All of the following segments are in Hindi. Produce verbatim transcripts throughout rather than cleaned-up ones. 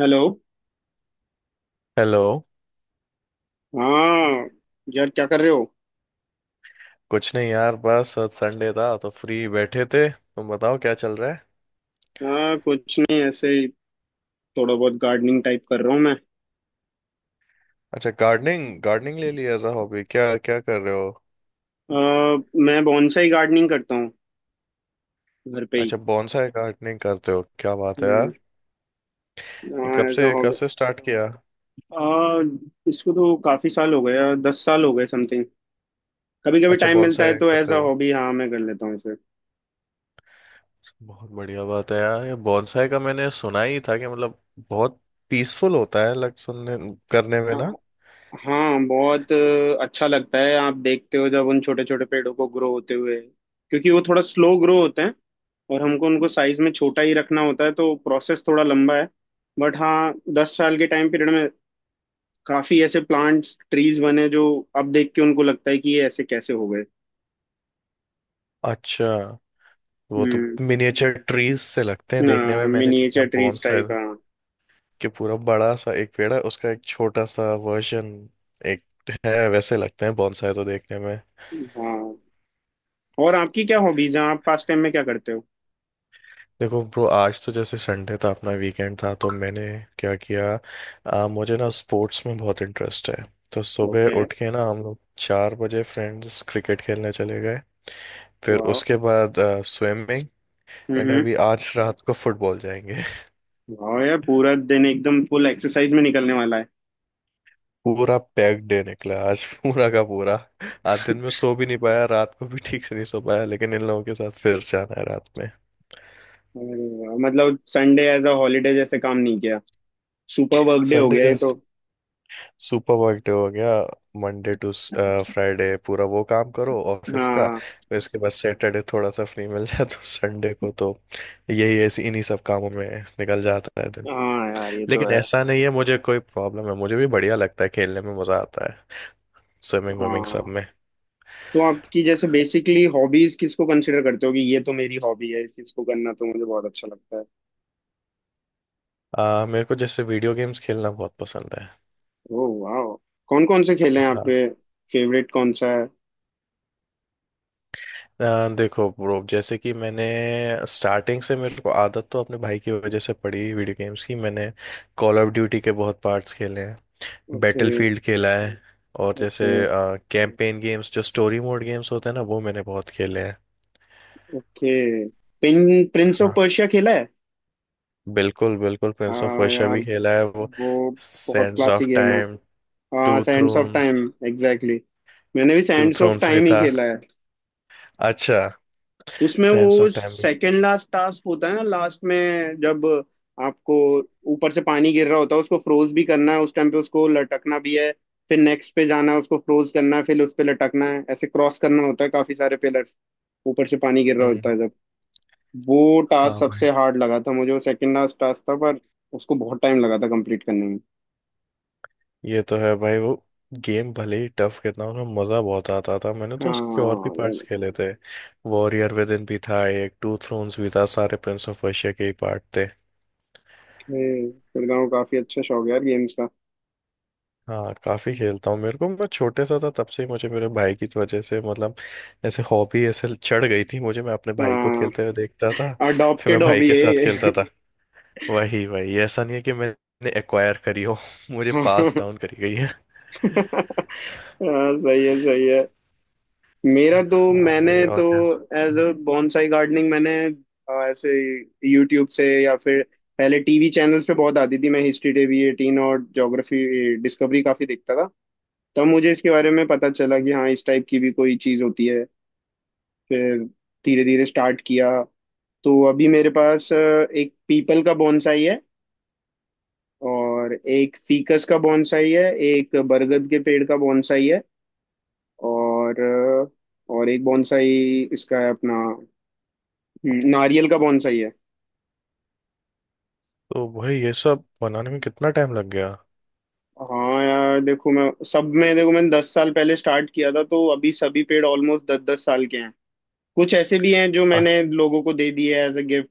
हेलो। हेलो। हाँ। यार, क्या कर रहे हो? कुछ नहीं यार, बस आज संडे था तो फ्री बैठे थे। तुम बताओ क्या चल रहा है। हाँ, कुछ नहीं, ऐसे ही। थोड़ा बहुत गार्डनिंग टाइप कर रहा हूँ मैं। अच्छा, गार्डनिंग गार्डनिंग ले लिया एज अ हॉबी। क्या क्या कर रहे हो। अ, मैं बॉन्साई गार्डनिंग करता हूँ। घर पे ही। अच्छा, बॉन्साई गार्डनिंग करते हो, क्या बात है हम्म। यार। ये हाँ, कब ऐसा से हो कब गया। से स्टार्ट किया। अ, इसको तो काफी साल हो गए। दस साल हो गए समथिंग। कभी कभी अच्छा, टाइम मिलता है बॉन्साई तो एज करते अ हो, हॉबी, हाँ, मैं कर लेता हूँ इसे। बहुत बढ़िया बात है यार। ये बॉन्साई का मैंने सुना ही था कि मतलब बहुत पीसफुल होता है लग सुनने करने में ना। हाँ, बहुत अ, अच्छा लगता है, आप देखते हो जब उन छोटे छोटे पेड़ों को ग्रो होते हुए। क्योंकि वो थोड़ा स्लो ग्रो होते हैं। और हमको उनको साइज में छोटा ही रखना होता है, तो प्रोसेस थोड़ा लंबा है। बट हाँ, दस साल के टाइम पीरियड में काफी ऐसे प्लांट्स ट्रीज बने जो अब देख के उनको लगता है कि ये ऐसे कैसे हो गए। अच्छा, वो तो हम्म। मिनिएचर ट्रीज से लगते हैं देखने हाँ, में। मैंने जितना मिनिएचर ट्रीज बॉन्साई, टाइप। हाँ। कि पूरा बड़ा सा एक पेड़ है, उसका एक छोटा सा वर्जन एक है, वैसे लगते हैं बॉन्साई तो देखने में। हाँ, और आपकी क्या हॉबीज हैं? आप पास टाइम में क्या करते हो? देखो ब्रो, आज तो जैसे संडे था, अपना वीकेंड था, तो मैंने क्या किया, आ, मुझे ना स्पोर्ट्स में बहुत इंटरेस्ट है। तो सुबह ओके। उठ के ना हम लोग चार बजे फ्रेंड्स क्रिकेट खेलने चले गए। फिर वाह। उसके बाद स्विमिंग, एंड हम्म। अभी आज रात को फुटबॉल जाएंगे। वाह यार, पूरा दिन एकदम फुल एक्सरसाइज में निकलने वाला है। पूरा पैक्ड डे निकला आज, पूरा का पूरा। आज दिन में सो भी नहीं पाया, रात को भी ठीक से नहीं सो पाया, लेकिन इन लोगों के साथ फिर से आना है रात में। अरे वाह, मतलब संडे एज अ हॉलीडे जैसे काम नहीं किया। सुपर वर्क डे हो संडे गया ये तो। जैसे सुपर वर्क डे हो गया। मंडे टू फ्राइडे पूरा वो काम करो ऑफिस का, हाँ। फिर इसके बाद सैटरडे थोड़ा सा फ्री मिल जाए तो संडे को तो यही, ऐसे इन्हीं सब कामों में निकल जाता है दिन। हाँ यार, ये तो लेकिन है। ऐसा नहीं है मुझे कोई प्रॉब्लम है, मुझे भी बढ़िया लगता है, खेलने में मजा आता है, स्विमिंग विमिंग सब हाँ, में। तो आपकी जैसे बेसिकली हॉबीज किसको कंसिडर करते हो कि ये तो मेरी हॉबी है, इस चीज को करना तो मुझे बहुत अच्छा लगता है। आ, मेरे को जैसे वीडियो गेम्स खेलना बहुत पसंद है। ओह वाह! कौन कौन से खेल हैं हाँ। आपके? फेवरेट कौन सा है? अ, देखो ब्रो, जैसे कि मैंने स्टार्टिंग से, मेरे को आदत तो अपने भाई की वजह से पड़ी वीडियो गेम्स की। मैंने कॉल ऑफ ड्यूटी के बहुत पार्ट्स खेले हैं, ओके। बैटलफील्ड खेला है। और जैसे ओके। कैंपेन गेम्स, जो स्टोरी मोड गेम्स होते हैं ना, वो मैंने बहुत खेले हैं। ओके। प्रिंस ऑफ हाँ, पर्शिया खेला है? बिल्कुल बिल्कुल, प्रिंस ऑफ हाँ पर्शिया यार, भी खेला है, वो वो बहुत सैंड्स क्लासिक ऑफ गेम है। टाइम, हाँ, Two Sands of Thrones. Time. Exactly. मैंने भी टू सैंड्स ऑफ थ्रोन्स भी टाइम ही था। खेला है। अच्छा। उसमें सैंड्स वो ऑफ टाइम भी। सेकंड लास्ट टास्क होता है ना, लास्ट में जब आपको ऊपर से पानी गिर रहा होता है, उसको फ्रोज भी करना है, उस टाइम पे उसको लटकना भी है। फिर नेक्स्ट पे जाना है, उसको फ्रोज करना है, फिर उस पे लटकना है, ऐसे क्रॉस करना होता है काफी सारे पिलर्स, ऊपर से पानी गिर रहा होता हम्म। है जब। वो टास्क हाँ भाई। सबसे हार्ड लगा था मुझे, वो सेकंड लास्ट टास्क था, पर उसको बहुत टाइम लगा था कंप्लीट करने में। ये तो है भाई, वो गेम भले ही टफ कितना हो, उसमें मज़ा बहुत आता था। मैंने तो उसके और भी हाँ पार्ट्स यार, खेले थे। वॉरियर विद इन भी था एक, टू थ्रोन्स भी था, सारे प्रिंस ऑफ पर्शिया के ही पार्ट थे। खेलता हूँ काफी। अच्छा शौक है यार गेम्स का। हाँ काफ़ी खेलता हूँ, मेरे को मैं छोटे सा था तब से ही, मुझे मेरे भाई की वजह से मतलब ऐसे हॉबी ऐसे चढ़ गई थी मुझे। मैं अपने भाई को हाँ, खेलते हुए देखता था, फिर मैं अडॉप्टेड भाई हॉबी के है साथ खेलता ये। था। वही वही, ऐसा नहीं है कि मैंने एक्वायर करी हो मुझे पास डाउन करी गई है। हाँ, सही है, सही है। मेरा तो, हाँ मैंने भाई, तो और जैसे, एज अ बॉन्साई गार्डनिंग, मैंने अ, ऐसे, यूट्यूब से या फिर पहले टीवी चैनल्स पे बहुत आती थी, मैं हिस्ट्री टीवी एटीन और ज्योग्राफी डिस्कवरी काफी देखता था। तब मुझे इसके बारे में पता चला कि हाँ, इस टाइप की भी कोई चीज़ होती है। फिर धीरे धीरे स्टार्ट किया। तो अभी मेरे पास अ, एक पीपल का बॉन्साई है। और एक फीकस का बॉन्साई है, एक बरगद के पेड़ का बॉन्साई है। और और एक बॉन्साई इसका है अपना। हम्म, नारियल का बॉन्साई है। तो भाई ये सब बनाने में कितना टाइम लग गया। हाँ यार देखो, मैं सब में, देखो, मैंने दस साल पहले स्टार्ट किया था, तो अभी सभी पेड़ ऑलमोस्ट दस दस साल के हैं। कुछ ऐसे भी हैं जो अ- मैंने लोगों को दे दिए एज अ गिफ्ट,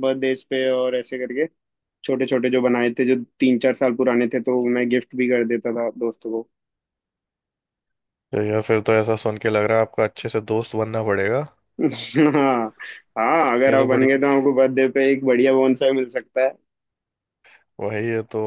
बर्थडेज पे और ऐसे करके। छोटे छोटे जो बनाए थे जो तीन चार साल पुराने थे, तो मैं गिफ्ट भी कर देता था दोस्तों को। तो या फिर तो ऐसा सुन के लग रहा है आपको अच्छे से दोस्त बनना पड़ेगा। हाँ। हाँ, अगर ये आप तो बन बड़ी, गए तो आपको बर्थडे पे एक बढ़िया बोनसाई मिल सकता है। वही है तो,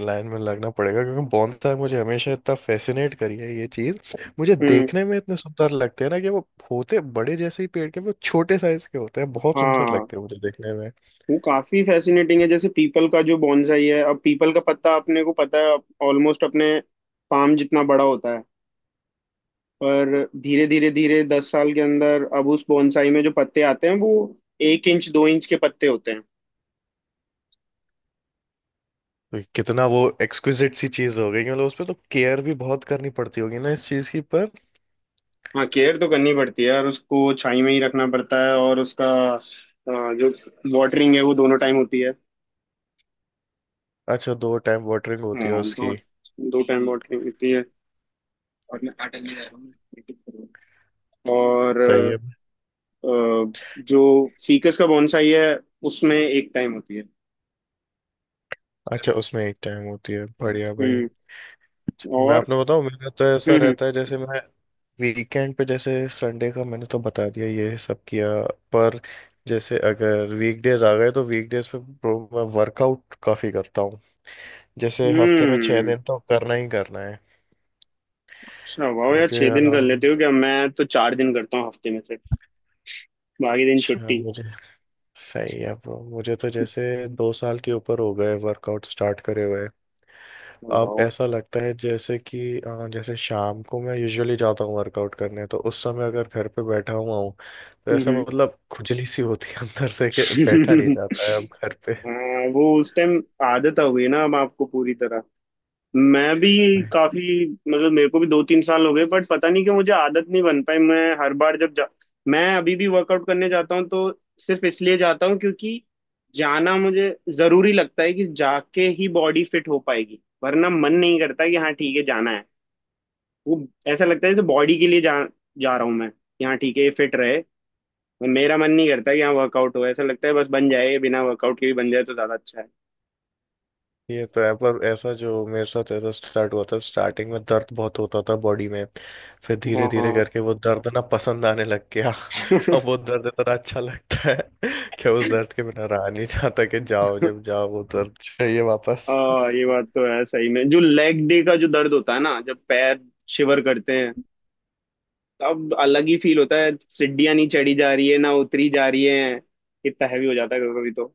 लाइन में लगना पड़ेगा, क्योंकि बोनसाई मुझे हमेशा इतना फैसिनेट करी है। ये चीज मुझे हम्म। देखने में इतने सुंदर लगते हैं ना, कि वो होते बड़े जैसे ही पेड़ के, वो छोटे साइज के होते हैं, बहुत सुंदर हाँ, लगते हैं मुझे देखने में। वो काफी फैसिनेटिंग है। जैसे पीपल का जो बॉन्साई है, अब पीपल का पत्ता अपने को पता है, ऑलमोस्ट अपने पाम जितना बड़ा होता है। पर धीरे धीरे धीरे दस साल के अंदर अब उस बॉन्साई में जो पत्ते आते हैं वो एक इंच दो इंच के पत्ते होते हैं। तो कितना वो एक्सक्विजिट सी चीज हो गई, मतलब उस पे तो केयर भी बहुत करनी पड़ती होगी ना इस चीज की, पर हाँ, केयर तो करनी पड़ती है, और उसको छाई में ही रखना पड़ता है। और उसका अ, जो वाटरिंग है वो दोनों टाइम होती है। अच्छा दो टाइम वाटरिंग होती है हाँ, दो। उसकी। दो टाइम वाटरिंग होती है। और मैं आटा लेने जा रहा हूँ, मैं practice करूंगा। और सही है। अ, जो फीकस का बोनसाई है, उसमें एक टाइम होती है। अच्छा उसमें एक टाइम होती है, बढ़िया भाई। हम्म। मैं और। आपने बताऊं, मेरा तो ऐसा हम्म। हम्म। रहता है, जैसे मैं वीकेंड पे, जैसे संडे का मैंने तो बता दिया ये सब किया। पर जैसे अगर वीकडेज आ गए तो वीकडेज पे bro, मैं वर्कआउट काफी करता हूँ। जैसे हफ्ते में छह हम्म, दिन तो करना ही करना है। अच्छा, वाह यार, मुझे छह दिन कर आराम, लेते हो क्या? मैं तो चार दिन करता हूँ हफ्ते में से। बाकी दिन अच्छा छुट्टी। मुझे, सही है ब्रो। मुझे तो जैसे दो साल के ऊपर हो गए वर्कआउट स्टार्ट करे हुए। अब वाह। ऐसा लगता है जैसे कि अ, जैसे शाम को मैं यूजुअली जाता हूँ वर्कआउट करने, तो उस समय अगर घर पे बैठा हुआ हूँ तो हम्म। ऐसा हम्म। मतलब खुजली सी होती है अंदर से, कि बैठा नहीं जाता है अब घर पे। हाँ, वो उस टाइम आदत हो गई ना, अब आपको पूरी तरह। मैं भी काफी, मतलब मेरे को भी दो तीन साल हो गए, बट पता नहीं क्यों मुझे आदत नहीं बन पाई। मैं हर बार जब जा, मैं अभी भी वर्कआउट करने जाता हूँ तो सिर्फ इसलिए जाता हूँ क्योंकि जाना मुझे जरूरी लगता है कि जाके ही बॉडी फिट हो पाएगी, वरना मन नहीं करता कि हाँ ठीक है जाना है। वो ऐसा लगता है जैसे बॉडी के लिए जा जा रहा हूँ मैं, कि हाँ ठीक है ये फिट रहे। और मेरा मन नहीं करता कि हाँ वर्कआउट हो, ऐसा लगता है बस बन जाए, बिना वर्कआउट के भी बन जाए तो ज्यादा अच्छा है। ये तो है, पर ऐसा जो मेरे साथ, ऐसा स्टार्ट हुआ था स्टार्टिंग में दर्द बहुत होता था बॉडी में। फिर धीरे धीरे हाँ। करके वो दर्द ना पसंद आने लग गया। अब हाँ। वो दर्द इतना अच्छा लगता है कि उस दर्द के बिना रहा नहीं जाता, कि जाओ जब जाओ वो दर्द चाहिए आ, वापस। ये बात तो है, सही में जो लेग डे का जो दर्द होता है ना जब पैर शिवर करते हैं, तब अलग ही फील होता है। सीढ़ियां नहीं चढ़ी जा रही है, ना उतरी जा रही है। इतना हैवी हो जाता है कभी कभी तो।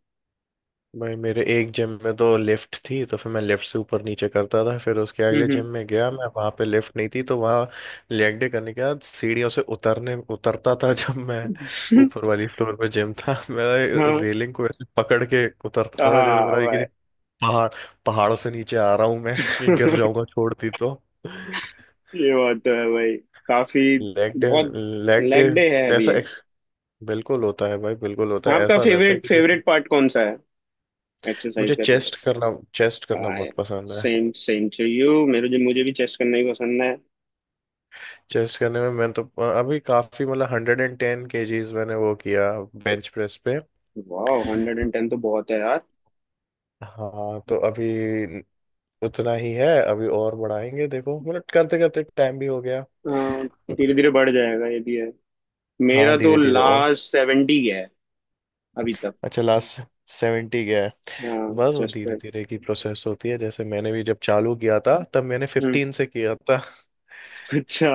भाई मेरे एक जिम में तो लिफ्ट थी, तो फिर मैं लिफ्ट से ऊपर नीचे करता था। फिर उसके अगले हम्म। जिम में गया मैं, वहां पे लिफ्ट नहीं थी, तो वहां लेग डे करने के बाद सीढ़ियों से उतरने उतरता था जब मैं, हम्म। ऊपर वाली फ्लोर पे जिम था। मैं हाँ। रेलिंग को ऐसे पकड़ के उतरता था जैसे हाँ पता नहीं भाई। किसी पहाड़, पहाड़ से नीचे आ रहा हूं मैं, ये गिर जाऊंगा छोड़ती तो। ये बात तो है भाई। काफी। लेग डे, बहुत। लेग डे, लेग डे है अभी ऐसा ये। ex- बिल्कुल होता है भाई, बिल्कुल होता है, आपका ऐसा रहता है फेवरेट कि जैसे फेवरेट पार्ट कौन सा है एक्सरसाइज मुझे करते तो? चेस्ट करना, चेस्ट करना हाँ, बहुत पसंद है। Same same to you. मेरे जो, मुझे भी चेस्ट करना ही पसंद है। चेस्ट करने में मैं तो अभी काफी, मतलब हंड्रेड एंड टेन केजीज मैंने वो किया बेंच प्रेस पे। वाह, हंड्रेड एंड टेन तो बहुत है। हाँ तो अभी उतना ही है, अभी और बढ़ाएंगे, देखो मतलब करते करते टाइम भी हो गया। धीरे धीरे बढ़ जाएगा ये भी है। हाँ मेरा तो धीरे धीरे और, लास्ट सेवेंटी है अभी तक। अच्छा लास्ट सेवेंटी गया है। हाँ, बस वो चेस्ट धीरे पे। धीरे की प्रोसेस होती है, जैसे मैंने भी जब चालू किया था, तब मैंने हम्म। फिफ्टीन से किया था। अच्छा।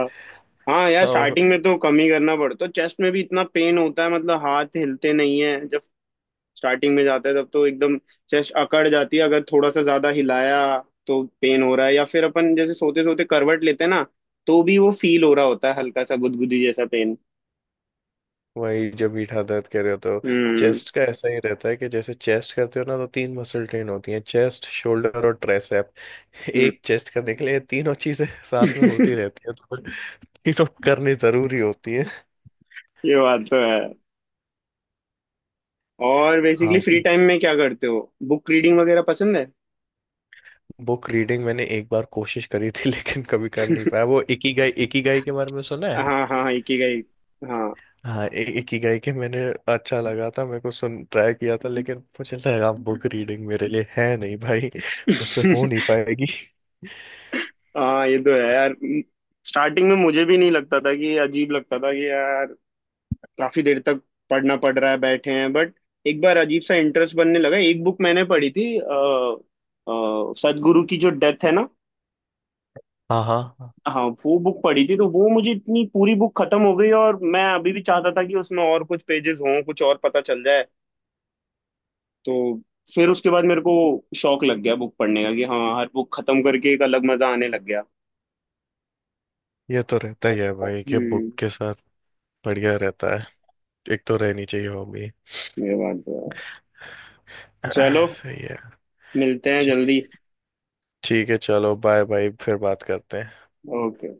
हाँ यार, हाँ। स्टार्टिंग में तो कम ही करना पड़ता है। चेस्ट में भी इतना पेन होता है, मतलब हाथ हिलते नहीं है जब स्टार्टिंग में जाता है तब तो। एकदम चेस्ट अकड़ जाती है, अगर थोड़ा सा ज्यादा हिलाया तो पेन हो रहा है। या फिर अपन जैसे सोते सोते करवट लेते हैं ना, तो भी वो फील हो रहा होता है, हल्का सा गुदगुदी जैसा पेन। वही जब मीठा दर्द कह रहे हो तो हम्म। चेस्ट का ऐसा ही रहता है, कि जैसे चेस्ट करते हो ना, तो तीन मसल ट्रेन होती हैं, चेस्ट, शोल्डर और ट्राइसेप। हम्म। एक चेस्ट करने के लिए तीनों चीजें साथ में होती रहती है, तो तीनों करनी जरूरी होती है। ये बात तो है। और बेसिकली हाँ। फ्री टाइम में क्या करते हो? बुक रीडिंग वगैरह पसंद है? बुक रीडिंग मैंने एक बार कोशिश करी थी लेकिन कभी कर नहीं पाया, वो इकिगाई, इकिगाई के बारे में सुना है। हाँ, हाँ, एक ही गई। हाँ। हाँ, इ- इकिगाई के मैंने अच्छा लगा था मेरे को, सुन ट्राई किया था, लेकिन मुझे लगा बुक रीडिंग मेरे लिए है नहीं भाई, मुझसे हो नहीं पाएगी। हाँ ये तो है यार। स्टार्टिंग में मुझे भी नहीं लगता था, कि अजीब लगता था कि यार काफी देर तक पढ़ना पड़ रहा है, बैठे हैं, बट एक बार अजीब सा इंटरेस्ट बनने लगा। एक बुक मैंने पढ़ी थी आ, सदगुरु की, जो डेथ है ना। हाँ हाँ, हाँ, वो बुक पढ़ी थी तो वो मुझे इतनी, पूरी बुक खत्म हो गई और मैं अभी भी चाहता था कि उसमें और कुछ पेजेस हों, कुछ और पता चल जाए। तो फिर उसके बाद मेरे को शौक लग गया बुक पढ़ने का, कि हाँ, हर बुक खत्म करके एक अलग मजा आने लग गया। ये तो रहता ही है भाई कि बुक हम्म। के साथ बढ़िया रहता है, एक तो रहनी चाहिए हॉबी। ये बात तो है। चलो, सही है। मिलते हैं ठीक, जल्दी। ठीक है, चलो, बाय बाय, फिर बात करते हैं। ओके।